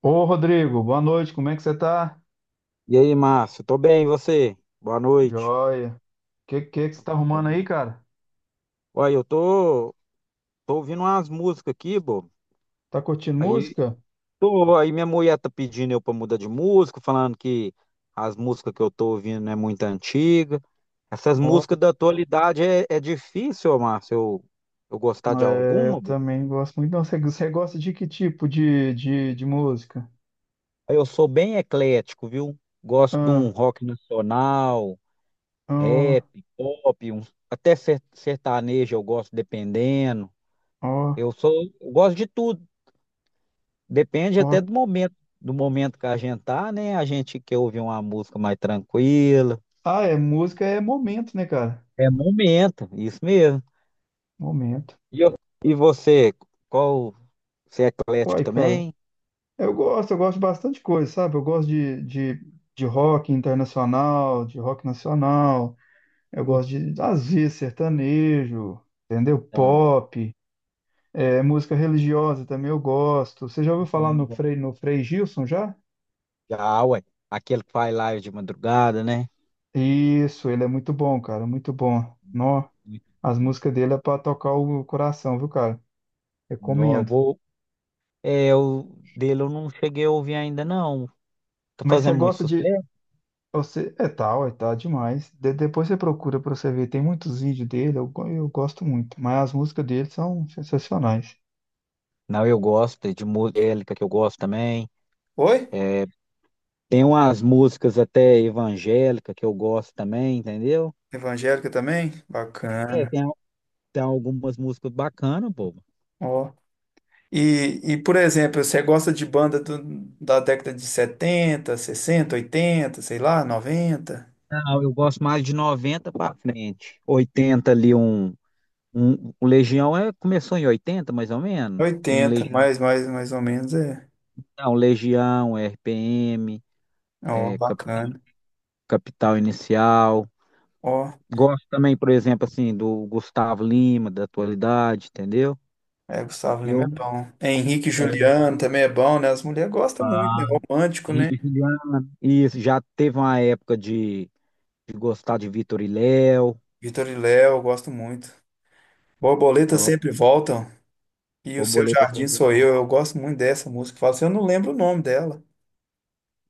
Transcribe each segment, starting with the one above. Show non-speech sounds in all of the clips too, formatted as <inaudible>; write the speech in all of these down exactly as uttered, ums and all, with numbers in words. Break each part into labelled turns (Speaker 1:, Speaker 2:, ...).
Speaker 1: Ô Rodrigo, boa noite, como é que você tá?
Speaker 2: E aí, Márcio? Tô bem, e você? Boa noite.
Speaker 1: Joia. Que que que você
Speaker 2: Então
Speaker 1: tá
Speaker 2: tá
Speaker 1: arrumando
Speaker 2: bom.
Speaker 1: aí, cara?
Speaker 2: Olha, eu tô, tô ouvindo umas músicas aqui, bo.
Speaker 1: Tá curtindo
Speaker 2: Aí,
Speaker 1: música?
Speaker 2: tô, aí minha mulher tá pedindo eu pra mudar de música, falando que as músicas que eu tô ouvindo não é muito antiga. Essas
Speaker 1: Ó,
Speaker 2: músicas da atualidade é, é difícil, ô, Márcio, eu, eu gostar de
Speaker 1: é, eu
Speaker 2: alguma, pô.
Speaker 1: também gosto muito. Não, você, você gosta de que tipo de, de, de música?
Speaker 2: Aí eu sou bem eclético, viu? Gosto de um
Speaker 1: Ah,
Speaker 2: rock nacional,
Speaker 1: ó,
Speaker 2: rap, pop, um, até ser- sertanejo eu gosto, dependendo.
Speaker 1: ó,
Speaker 2: Eu sou, eu gosto de tudo. Depende até
Speaker 1: ó.
Speaker 2: do momento, do momento que a gente tá, né? A gente quer ouvir uma música mais tranquila.
Speaker 1: Ah, é, música é momento, né, cara?
Speaker 2: É momento, isso mesmo.
Speaker 1: Momento.
Speaker 2: E, eu- e você, qual, você é eclético
Speaker 1: Uai, cara,
Speaker 2: também?
Speaker 1: eu gosto, eu gosto de bastante coisa, sabe? Eu gosto de, de, de rock internacional, de rock nacional, eu gosto
Speaker 2: Isso,
Speaker 1: de, às vezes, sertanejo, entendeu?
Speaker 2: tá.
Speaker 1: Pop. É, música religiosa também eu gosto. Você já ouviu
Speaker 2: Eu
Speaker 1: falar
Speaker 2: também
Speaker 1: no
Speaker 2: gosto.
Speaker 1: Frei, no Frei Gilson já?
Speaker 2: Já, ué. Aquele que faz live de madrugada, né?
Speaker 1: Isso, ele é muito bom, cara, muito bom. Nó,
Speaker 2: Muito
Speaker 1: as
Speaker 2: bom.
Speaker 1: músicas dele é pra tocar o coração, viu, cara?
Speaker 2: Não, eu
Speaker 1: Recomendo.
Speaker 2: vou. É, eu, dele eu não cheguei a ouvir ainda, não. Tá
Speaker 1: Mas você
Speaker 2: fazendo muito
Speaker 1: gosta de.
Speaker 2: sucesso?
Speaker 1: Você, é tal, é tal demais. De- depois você procura pra você ver, tem muitos vídeos dele, eu, go- eu gosto muito. Mas as músicas dele são sensacionais.
Speaker 2: Não, eu gosto de música que eu gosto também.
Speaker 1: Oi?
Speaker 2: É, Tem umas músicas até evangélica que eu gosto também, entendeu?
Speaker 1: Evangélica também?
Speaker 2: É,
Speaker 1: Bacana.
Speaker 2: tem, tem algumas músicas bacanas, bobo.
Speaker 1: Ó. E, e, por exemplo, você gosta de banda do- da década de setenta, sessenta, oitenta, sei lá, noventa,
Speaker 2: Não, eu gosto mais de noventa pra frente. oitenta ali, um, um, o Legião é, começou em oitenta mais ou menos. Um
Speaker 1: oitenta,
Speaker 2: Legião,
Speaker 1: mais, mais, mais ou menos é.
Speaker 2: não, Legião, R P M,
Speaker 1: Ó,
Speaker 2: é, capital
Speaker 1: bacana.
Speaker 2: Capital Inicial.
Speaker 1: Ó,
Speaker 2: Gosto também, por exemplo, assim, do Gustavo Lima, da atualidade, entendeu?
Speaker 1: é, Gustavo Lima é
Speaker 2: Eu,
Speaker 1: bom. É, Henrique e
Speaker 2: é,
Speaker 1: Juliano também é bom, né? As mulheres gostam muito,
Speaker 2: Ah,
Speaker 1: né? Romântico, né?
Speaker 2: Felipe Juliano. Isso, já teve uma época de de gostar de Vitor e Léo.
Speaker 1: Vitor e Léo, eu gosto muito. Borboletas
Speaker 2: Top.
Speaker 1: sempre voltam. E o Seu
Speaker 2: Borboletas
Speaker 1: Jardim
Speaker 2: sempre
Speaker 1: Sou
Speaker 2: bom.
Speaker 1: Eu, eu gosto muito dessa música. Fala assim, eu não lembro o nome dela.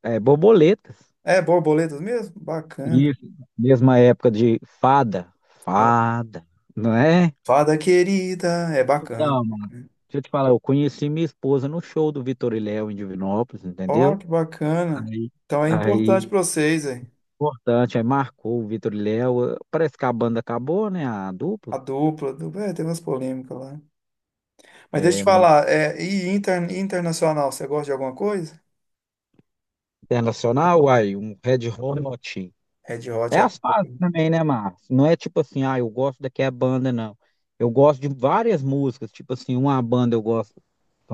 Speaker 2: É, borboletas.
Speaker 1: É Borboletas mesmo? Bacana.
Speaker 2: Isso. Mesma época de fada.
Speaker 1: Ó,
Speaker 2: Fada. Não é?
Speaker 1: Fada Querida, é bacana.
Speaker 2: Então, mano. Deixa eu te falar, eu conheci minha esposa no show do Vitor e Léo em Divinópolis,
Speaker 1: Ó,
Speaker 2: entendeu?
Speaker 1: que bacana.
Speaker 2: Aí,
Speaker 1: Então é
Speaker 2: aí,
Speaker 1: importante para vocês, é.
Speaker 2: importante, aí marcou o Vitor e Léo. Parece que a banda acabou, né? A
Speaker 1: A
Speaker 2: dupla.
Speaker 1: dupla, a dupla, é, tem umas polêmicas lá. Mas deixa eu te
Speaker 2: É, mas
Speaker 1: falar, é, e inter- internacional, você gosta de alguma coisa?
Speaker 2: internacional, aí, um Red Hot.
Speaker 1: Red Hot
Speaker 2: É
Speaker 1: é
Speaker 2: as fases
Speaker 1: top.
Speaker 2: também, né, Márcio? Não é tipo assim, ah, eu gosto daqui a banda, não. Eu gosto de várias músicas, tipo assim, uma banda eu gosto de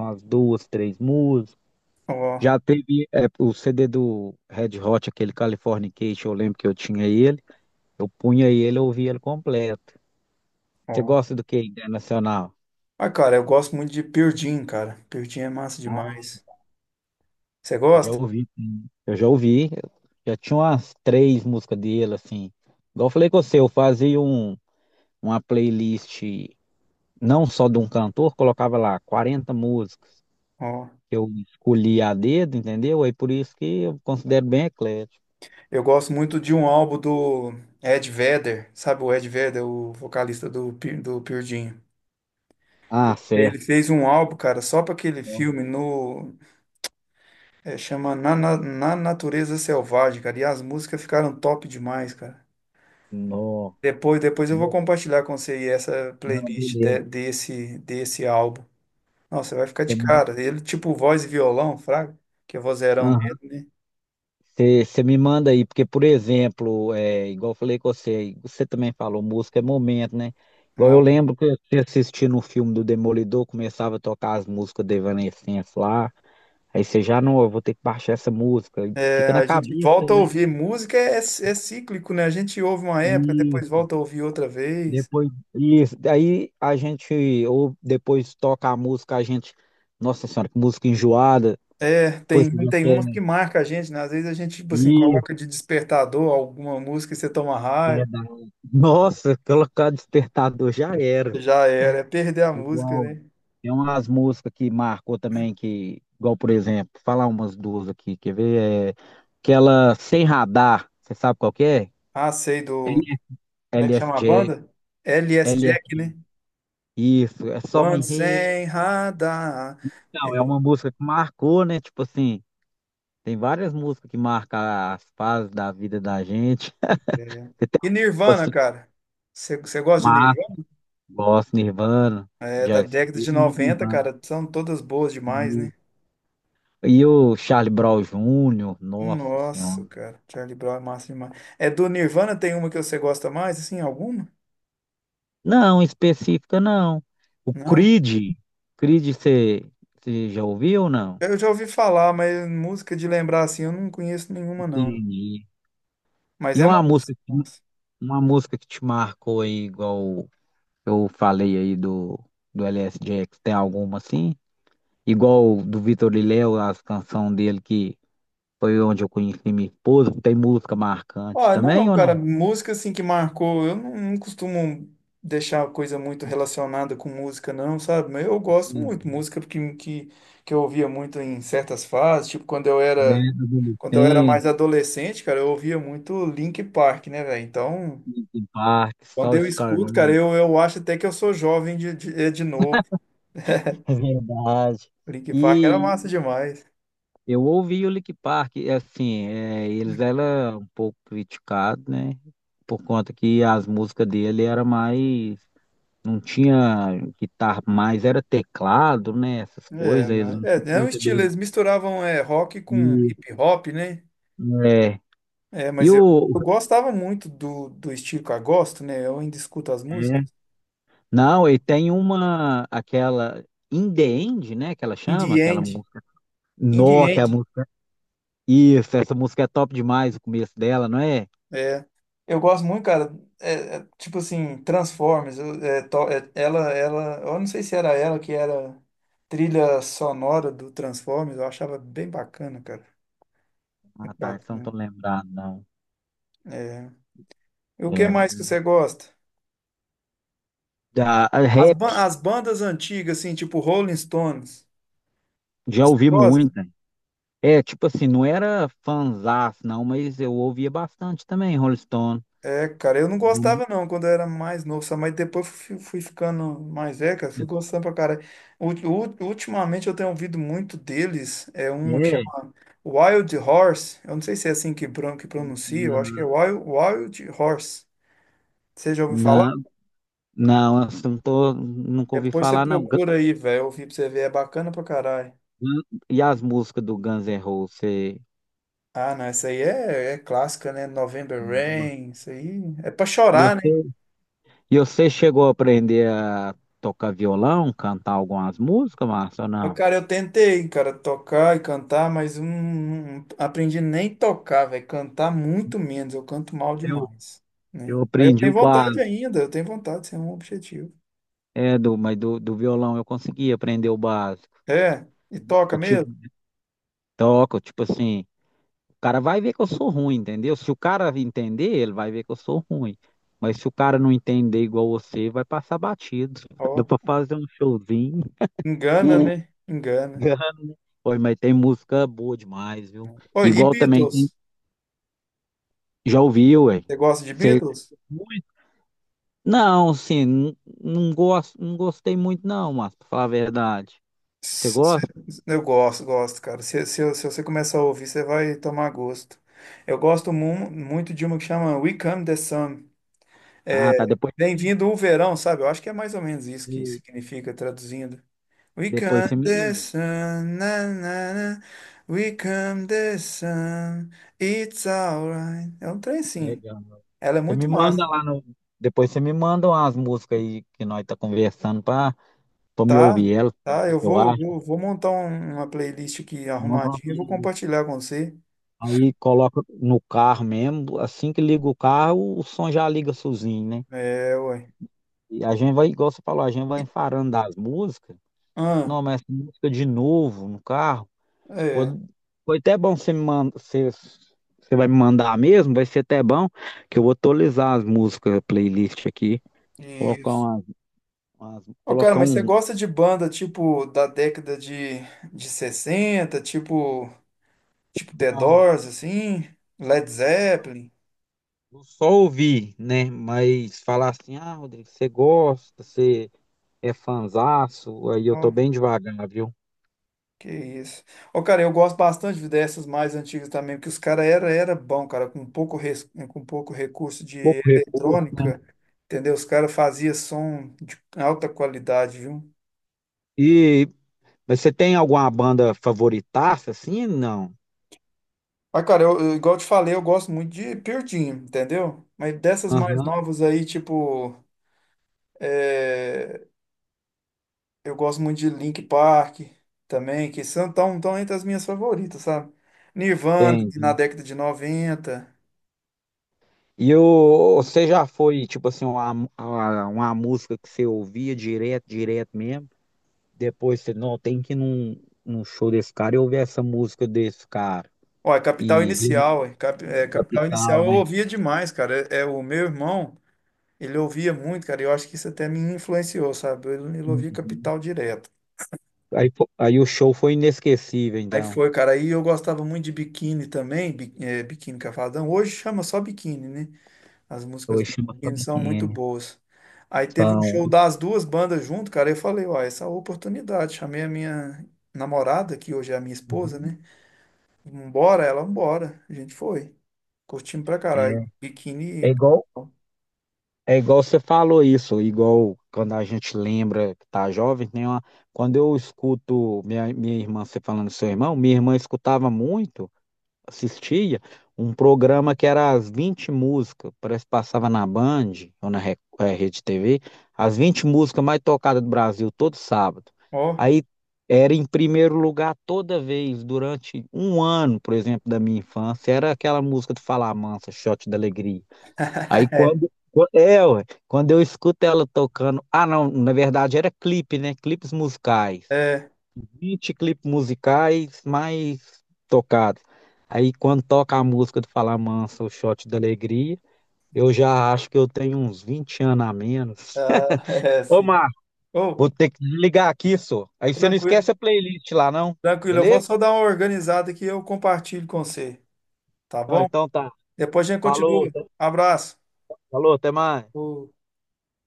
Speaker 2: umas duas, três músicas.
Speaker 1: Ó,
Speaker 2: Já teve é, o C D do Red Hot, aquele Californication, eu lembro que eu tinha ele. Eu punha ele, eu ouvia ele completo. Você
Speaker 1: ó.
Speaker 2: gosta do que internacional?
Speaker 1: Ah, cara, eu gosto muito de Pearl Jam, cara. Pearl Jam é massa
Speaker 2: Ah,
Speaker 1: demais. Você
Speaker 2: eu já
Speaker 1: gosta?
Speaker 2: ouvi, sim. Eu já ouvi. Eu já tinha umas três músicas dele, assim. Igual eu falei com você, eu fazia um, uma playlist não só de um cantor, colocava lá quarenta músicas
Speaker 1: Ó.
Speaker 2: que eu escolhi a dedo, entendeu? Aí por isso que eu considero bem eclético.
Speaker 1: Eu gosto muito de um álbum do Ed Vedder, sabe o Ed Vedder, o vocalista do, Pe- do Pearl Jam.
Speaker 2: Ah,
Speaker 1: Ele
Speaker 2: certo.
Speaker 1: fez um álbum, cara, só para aquele filme no É, chama Na, Na, Na Natureza Selvagem, cara. E as músicas ficaram top demais, cara.
Speaker 2: Não,
Speaker 1: Depois, depois eu vou compartilhar com você aí essa
Speaker 2: não,
Speaker 1: playlist
Speaker 2: beleza.
Speaker 1: de- desse, desse álbum. Nossa, você vai ficar
Speaker 2: Você
Speaker 1: de
Speaker 2: me
Speaker 1: cara. Ele, tipo, voz e violão, fraga, que é vozeirão dele,
Speaker 2: aham.
Speaker 1: né?
Speaker 2: Você- você me manda aí, porque, por exemplo, é, igual eu falei com você, você também falou, música é momento, né? Igual
Speaker 1: Irmão,
Speaker 2: eu lembro que você assistindo o filme do Demolidor, começava a tocar as músicas da Evanescence lá, aí você já, não, eu vou ter que baixar essa música, e
Speaker 1: é,
Speaker 2: fica na
Speaker 1: a gente
Speaker 2: cabeça,
Speaker 1: volta a
Speaker 2: né?
Speaker 1: ouvir. Música é, é é cíclico, né? A gente ouve uma época, depois volta a ouvir outra vez.
Speaker 2: Depois, isso, aí a gente, ou depois toca a música, a gente, nossa senhora, que música enjoada,
Speaker 1: É,
Speaker 2: depois você
Speaker 1: tem,
Speaker 2: já
Speaker 1: tem
Speaker 2: quer
Speaker 1: umas que marca a gente, né? Às vezes a gente, tipo assim,
Speaker 2: ir,
Speaker 1: coloca de despertador alguma música e você toma raiva.
Speaker 2: verdade. Nossa, <laughs> colocar despertador já era.
Speaker 1: Já era, é perder a música,
Speaker 2: Igual,
Speaker 1: né?
Speaker 2: tem umas músicas que marcou também, que, igual, por exemplo, falar umas duas aqui, quer ver? É, aquela Sem Radar, você sabe qual que é?
Speaker 1: Ah, sei do. Como é que
Speaker 2: L S
Speaker 1: chama a
Speaker 2: Jack,
Speaker 1: banda? L S
Speaker 2: L S,
Speaker 1: Jack, né?
Speaker 2: isso, é só
Speaker 1: One
Speaker 2: me rei.
Speaker 1: Sem Radar.
Speaker 2: Não, é
Speaker 1: É,
Speaker 2: uma música que marcou, né? Tipo assim, Tem várias músicas que marcam as fases da vida da gente. <laughs>
Speaker 1: é.
Speaker 2: Você tem
Speaker 1: E Nirvana,
Speaker 2: assim,
Speaker 1: cara. Você você gosta de
Speaker 2: Márcio,
Speaker 1: Nirvana?
Speaker 2: gosto, Nirvana,
Speaker 1: É da
Speaker 2: já
Speaker 1: década
Speaker 2: escutei
Speaker 1: de
Speaker 2: muito
Speaker 1: noventa,
Speaker 2: Nirvana.
Speaker 1: cara. São todas boas demais,
Speaker 2: E
Speaker 1: né?
Speaker 2: e o Charlie Brown júnior, nossa
Speaker 1: Nossa,
Speaker 2: senhora.
Speaker 1: cara. Charlie Brown é massa demais. É do Nirvana, tem uma que você gosta mais, assim, alguma?
Speaker 2: Não, específica não. O
Speaker 1: Não.
Speaker 2: Creed, Creed, você você já ouviu ou não?
Speaker 1: Eu já ouvi falar, mas música de lembrar, assim, eu não conheço nenhuma, não.
Speaker 2: Entendi.
Speaker 1: Mas
Speaker 2: E
Speaker 1: é
Speaker 2: uma
Speaker 1: massa.
Speaker 2: música, que-
Speaker 1: Massa.
Speaker 2: uma música que te marcou aí, igual eu falei aí do, do L. S. Jackson, tem alguma assim? Igual do Vitor Liléo, as canções dele que foi onde eu conheci minha esposa, tem música marcante
Speaker 1: Ah,
Speaker 2: também
Speaker 1: não,
Speaker 2: ou
Speaker 1: cara,
Speaker 2: não?
Speaker 1: música assim que marcou, eu não, não costumo deixar coisa muito relacionada com música, não, sabe? Mas eu gosto
Speaker 2: Sim,
Speaker 1: muito, música que, que, que eu ouvia muito em certas fases, tipo quando eu era,
Speaker 2: É, do
Speaker 1: quando eu era
Speaker 2: Adolescência,
Speaker 1: mais adolescente, cara, eu ouvia muito Linkin Park, né, velho? Então,
Speaker 2: Linkin Park,
Speaker 1: quando
Speaker 2: Só
Speaker 1: eu escuto, cara,
Speaker 2: Escarnando.
Speaker 1: eu, eu acho até que eu sou jovem de, de, é, de novo.
Speaker 2: É verdade.
Speaker 1: Linkin Park era
Speaker 2: E
Speaker 1: massa demais.
Speaker 2: eu ouvi o Linkin Park, e, assim, é, eles eram um pouco criticados, né? Por conta que as músicas dele era mais, não tinha guitarra mais, era teclado, né? Essas
Speaker 1: É,
Speaker 2: coisas, eles
Speaker 1: né?
Speaker 2: não tinham
Speaker 1: É, é um
Speaker 2: muita
Speaker 1: estilo,
Speaker 2: habilidade,
Speaker 1: eles misturavam é, rock com hip hop, né?
Speaker 2: né?
Speaker 1: É,
Speaker 2: E
Speaker 1: mas eu,
Speaker 2: o.
Speaker 1: eu gostava muito do, do estilo que eu gosto, né? Eu ainda escuto as
Speaker 2: É.
Speaker 1: músicas.
Speaker 2: Não, e tem uma. Aquela. In the End, né? Que ela chama,
Speaker 1: Indie
Speaker 2: aquela
Speaker 1: End.
Speaker 2: música.
Speaker 1: Indie
Speaker 2: Nó, que é a
Speaker 1: End.
Speaker 2: música. Isso, essa música é top demais, o começo dela, não é?
Speaker 1: É. Eu gosto muito, cara. É, é, tipo assim, Transformers. eu- é, to- é, ela, ela. Eu não sei se era ela que era trilha sonora do Transformers. Eu achava bem bacana, cara.
Speaker 2: Ah,
Speaker 1: Muito
Speaker 2: tá, essa eu não tô
Speaker 1: bacana.
Speaker 2: lembrado, não.
Speaker 1: É. E o que
Speaker 2: É,
Speaker 1: mais que você gosta?
Speaker 2: da a
Speaker 1: As,
Speaker 2: rap,
Speaker 1: ban- as bandas antigas, assim, tipo Rolling Stones.
Speaker 2: já
Speaker 1: Você
Speaker 2: ouvi
Speaker 1: gosta?
Speaker 2: muito. É, tipo assim, não era fanzaço, não, mas eu ouvia bastante também, Rolling Stone.
Speaker 1: É, cara, eu não
Speaker 2: Não-
Speaker 1: gostava não quando eu era mais novo, sabe? Mas depois fui, fui ficando mais velho, cara, fui gostando pra cara. Ultimamente eu tenho ouvido muito deles, é uma que
Speaker 2: É,
Speaker 1: chama Wild Horse, eu não sei se é assim que, bron- que pronuncia, eu acho que é
Speaker 2: na,
Speaker 1: Wild, Wild Horse. Você já ouviu falar?
Speaker 2: na, não, assim, não tô, nunca ouvi
Speaker 1: Depois você
Speaker 2: falar, não.
Speaker 1: procura aí, velho, ouvir pra você ver, é bacana pra caralho.
Speaker 2: Hum, e as músicas do Guns N' Roses, você...
Speaker 1: Ah, não, essa aí é, é clássica, né? November Rain, isso aí é pra
Speaker 2: E
Speaker 1: chorar, né?
Speaker 2: você... e você chegou a aprender a tocar violão, cantar algumas músicas, Márcio, ou
Speaker 1: Ó,
Speaker 2: não?
Speaker 1: cara, eu tentei, cara, tocar e cantar, mas hum, não aprendi nem tocar, velho. Cantar muito menos, eu canto mal
Speaker 2: Eu,
Speaker 1: demais,
Speaker 2: eu
Speaker 1: né? Mas eu
Speaker 2: aprendi
Speaker 1: tenho
Speaker 2: o
Speaker 1: vontade
Speaker 2: básico,
Speaker 1: ainda, eu tenho vontade, isso é um objetivo.
Speaker 2: é, do, mas do, do violão eu consegui aprender o básico.
Speaker 1: É, e toca
Speaker 2: Eu tive,
Speaker 1: mesmo?
Speaker 2: toco, tipo assim, o cara vai ver que eu sou ruim, entendeu? Se o cara entender, ele vai ver que eu sou ruim. Mas se o cara não entender igual você, vai passar batido. <laughs> Dá
Speaker 1: Ó,
Speaker 2: pra fazer um showzinho.
Speaker 1: engana,
Speaker 2: <laughs>
Speaker 1: né? Engana.
Speaker 2: Oi, mas tem música boa demais, viu?
Speaker 1: Oi, e
Speaker 2: Igual também tem.
Speaker 1: Beatles?
Speaker 2: Já ouviu, ué?
Speaker 1: Você gosta de
Speaker 2: Você.
Speaker 1: Beatles?
Speaker 2: Não, assim, n- não gosto, não gostei muito, não, mas pra falar a verdade. Você
Speaker 1: Se- se-
Speaker 2: gosta?
Speaker 1: Eu gosto, gosto, cara. Se, se, se você começar a ouvir, você vai tomar gosto. Eu gosto mu- muito de uma que chama We Come the Sun.
Speaker 2: Ah, tá. Depois, me-
Speaker 1: Bem-vindo o verão, sabe? Eu acho que é mais ou menos isso que
Speaker 2: de-
Speaker 1: significa traduzindo. We
Speaker 2: depois você
Speaker 1: come the
Speaker 2: me.
Speaker 1: sun, na, na, na. We come the sun, it's alright. É um trem sim.
Speaker 2: Legal.
Speaker 1: Ela é
Speaker 2: Você me
Speaker 1: muito
Speaker 2: manda
Speaker 1: massa.
Speaker 2: lá no. Depois você me manda umas músicas aí que nós tá conversando pra, pra me
Speaker 1: Tá?
Speaker 2: ouvir elas, ver o
Speaker 1: Tá?
Speaker 2: que
Speaker 1: Eu
Speaker 2: que eu
Speaker 1: vou,
Speaker 2: acho.
Speaker 1: vou, vou montar um- uma playlist aqui
Speaker 2: Manda uma
Speaker 1: arrumadinha e vou
Speaker 2: playlist.
Speaker 1: compartilhar com você.
Speaker 2: Aí coloca no carro mesmo. Assim que liga o carro, o som já liga sozinho, né?
Speaker 1: É, ué.
Speaker 2: E a gente vai, igual você falou, a gente vai enfarando das músicas.
Speaker 1: Ah,
Speaker 2: Não, mas essa música de novo no carro. Foi,
Speaker 1: é.
Speaker 2: foi até bom você me manda, você, você vai me mandar mesmo, vai ser até bom, que eu vou atualizar as músicas, playlist aqui, colocar
Speaker 1: Isso.
Speaker 2: umas, umas-
Speaker 1: Ô, cara,
Speaker 2: colocar
Speaker 1: mas você
Speaker 2: um,
Speaker 1: gosta de banda tipo da década de, de sessenta tipo. Tipo The
Speaker 2: um-
Speaker 1: Doors, assim, Led Zeppelin.
Speaker 2: só ouvir, né? Mas falar assim, ah, Rodrigo, você gosta, você é fanzaço, aí eu tô
Speaker 1: Ó,
Speaker 2: bem devagar, viu?
Speaker 1: que isso. Ô, cara, eu gosto bastante dessas mais antigas também, porque os caras era, era bom, cara, com pouco, res- com pouco recurso de
Speaker 2: Pouco recurso, né?
Speaker 1: eletrônica, entendeu? Os caras faziam som de alta qualidade, viu?
Speaker 2: E, mas você tem alguma banda favoritaça, assim? Não.
Speaker 1: Mas, cara, eu, eu- igual eu te falei, eu gosto muito de Pearl Jam, entendeu? Mas dessas mais
Speaker 2: Aham,
Speaker 1: novas aí, tipo eh, eu gosto muito de Linkin Park também, que são tão, tão entre as minhas favoritas, sabe? Nirvana, que na
Speaker 2: entendi.
Speaker 1: década de noventa
Speaker 2: E o, você já foi, tipo assim, uma, uma, uma música que você ouvia direto, direto mesmo? Depois você, não, tem que ir num, num show desse cara e ouvir essa música desse cara.
Speaker 1: Ó, é Capital
Speaker 2: E Rio
Speaker 1: Inicial, é, Cap- é, Capital
Speaker 2: Capital,
Speaker 1: Inicial eu
Speaker 2: né?
Speaker 1: ouvia demais, cara. É, é o meu irmão, ele ouvia muito, cara, e eu acho que isso até me influenciou, sabe? Ele, ele ouvia
Speaker 2: Uhum.
Speaker 1: Capital direto.
Speaker 2: Aí, fo- aí o show foi inesquecível,
Speaker 1: Aí
Speaker 2: então.
Speaker 1: foi, cara, aí eu gostava muito de Biquíni também, Bi- é, Biquíni Cavadão. Hoje chama só Biquíni, né? As músicas
Speaker 2: Hoje
Speaker 1: do
Speaker 2: chama
Speaker 1: Kikini são muito
Speaker 2: Sabiquine.
Speaker 1: boas. Aí teve um
Speaker 2: São.
Speaker 1: show das duas bandas junto, cara. Eu falei, ó, essa é a oportunidade. Chamei a minha namorada, que hoje é a minha esposa,
Speaker 2: Uhum.
Speaker 1: né? Vambora, ela, vambora. A gente foi. Curtimos pra
Speaker 2: É,
Speaker 1: caralho.
Speaker 2: é
Speaker 1: Biquíni,
Speaker 2: igual É igual você falou isso, igual quando a gente lembra que tá jovem, tem uma... quando eu escuto minha, minha irmã, você falando do seu irmão, minha irmã escutava muito, assistia um programa que era as vinte músicas, parece que passava na Band ou na Re- eh, Rede T V, as vinte músicas mais tocadas do Brasil todo sábado.
Speaker 1: ó.
Speaker 2: Aí era em primeiro lugar toda vez, durante um ano, por exemplo, da minha infância, era aquela música do Fala Mansa, Shot da Alegria.
Speaker 1: <laughs>
Speaker 2: Aí
Speaker 1: É,
Speaker 2: quando quan- é, ué, quando eu escuto ela tocando, ah não, na verdade era clipe, né? Clipes musicais.
Speaker 1: é,
Speaker 2: Vinte clipes musicais mais tocados. Aí quando toca a música do Fala Mansa, o Shot da Alegria, eu já acho que eu tenho uns vinte anos a menos.
Speaker 1: ah, <laughs>
Speaker 2: <laughs>
Speaker 1: é,
Speaker 2: Ô,
Speaker 1: sim.
Speaker 2: Marco,
Speaker 1: Ô,
Speaker 2: vou ter que ligar aqui, só. Aí você não
Speaker 1: tranquilo,
Speaker 2: esquece a playlist lá, não?
Speaker 1: tranquilo. Eu vou
Speaker 2: Beleza?
Speaker 1: só dar uma organizada que eu compartilho com você, tá
Speaker 2: Não,
Speaker 1: bom?
Speaker 2: então tá.
Speaker 1: Depois a gente continua.
Speaker 2: Falou, tá-
Speaker 1: Abraço.
Speaker 2: falou, até mais.
Speaker 1: Ô.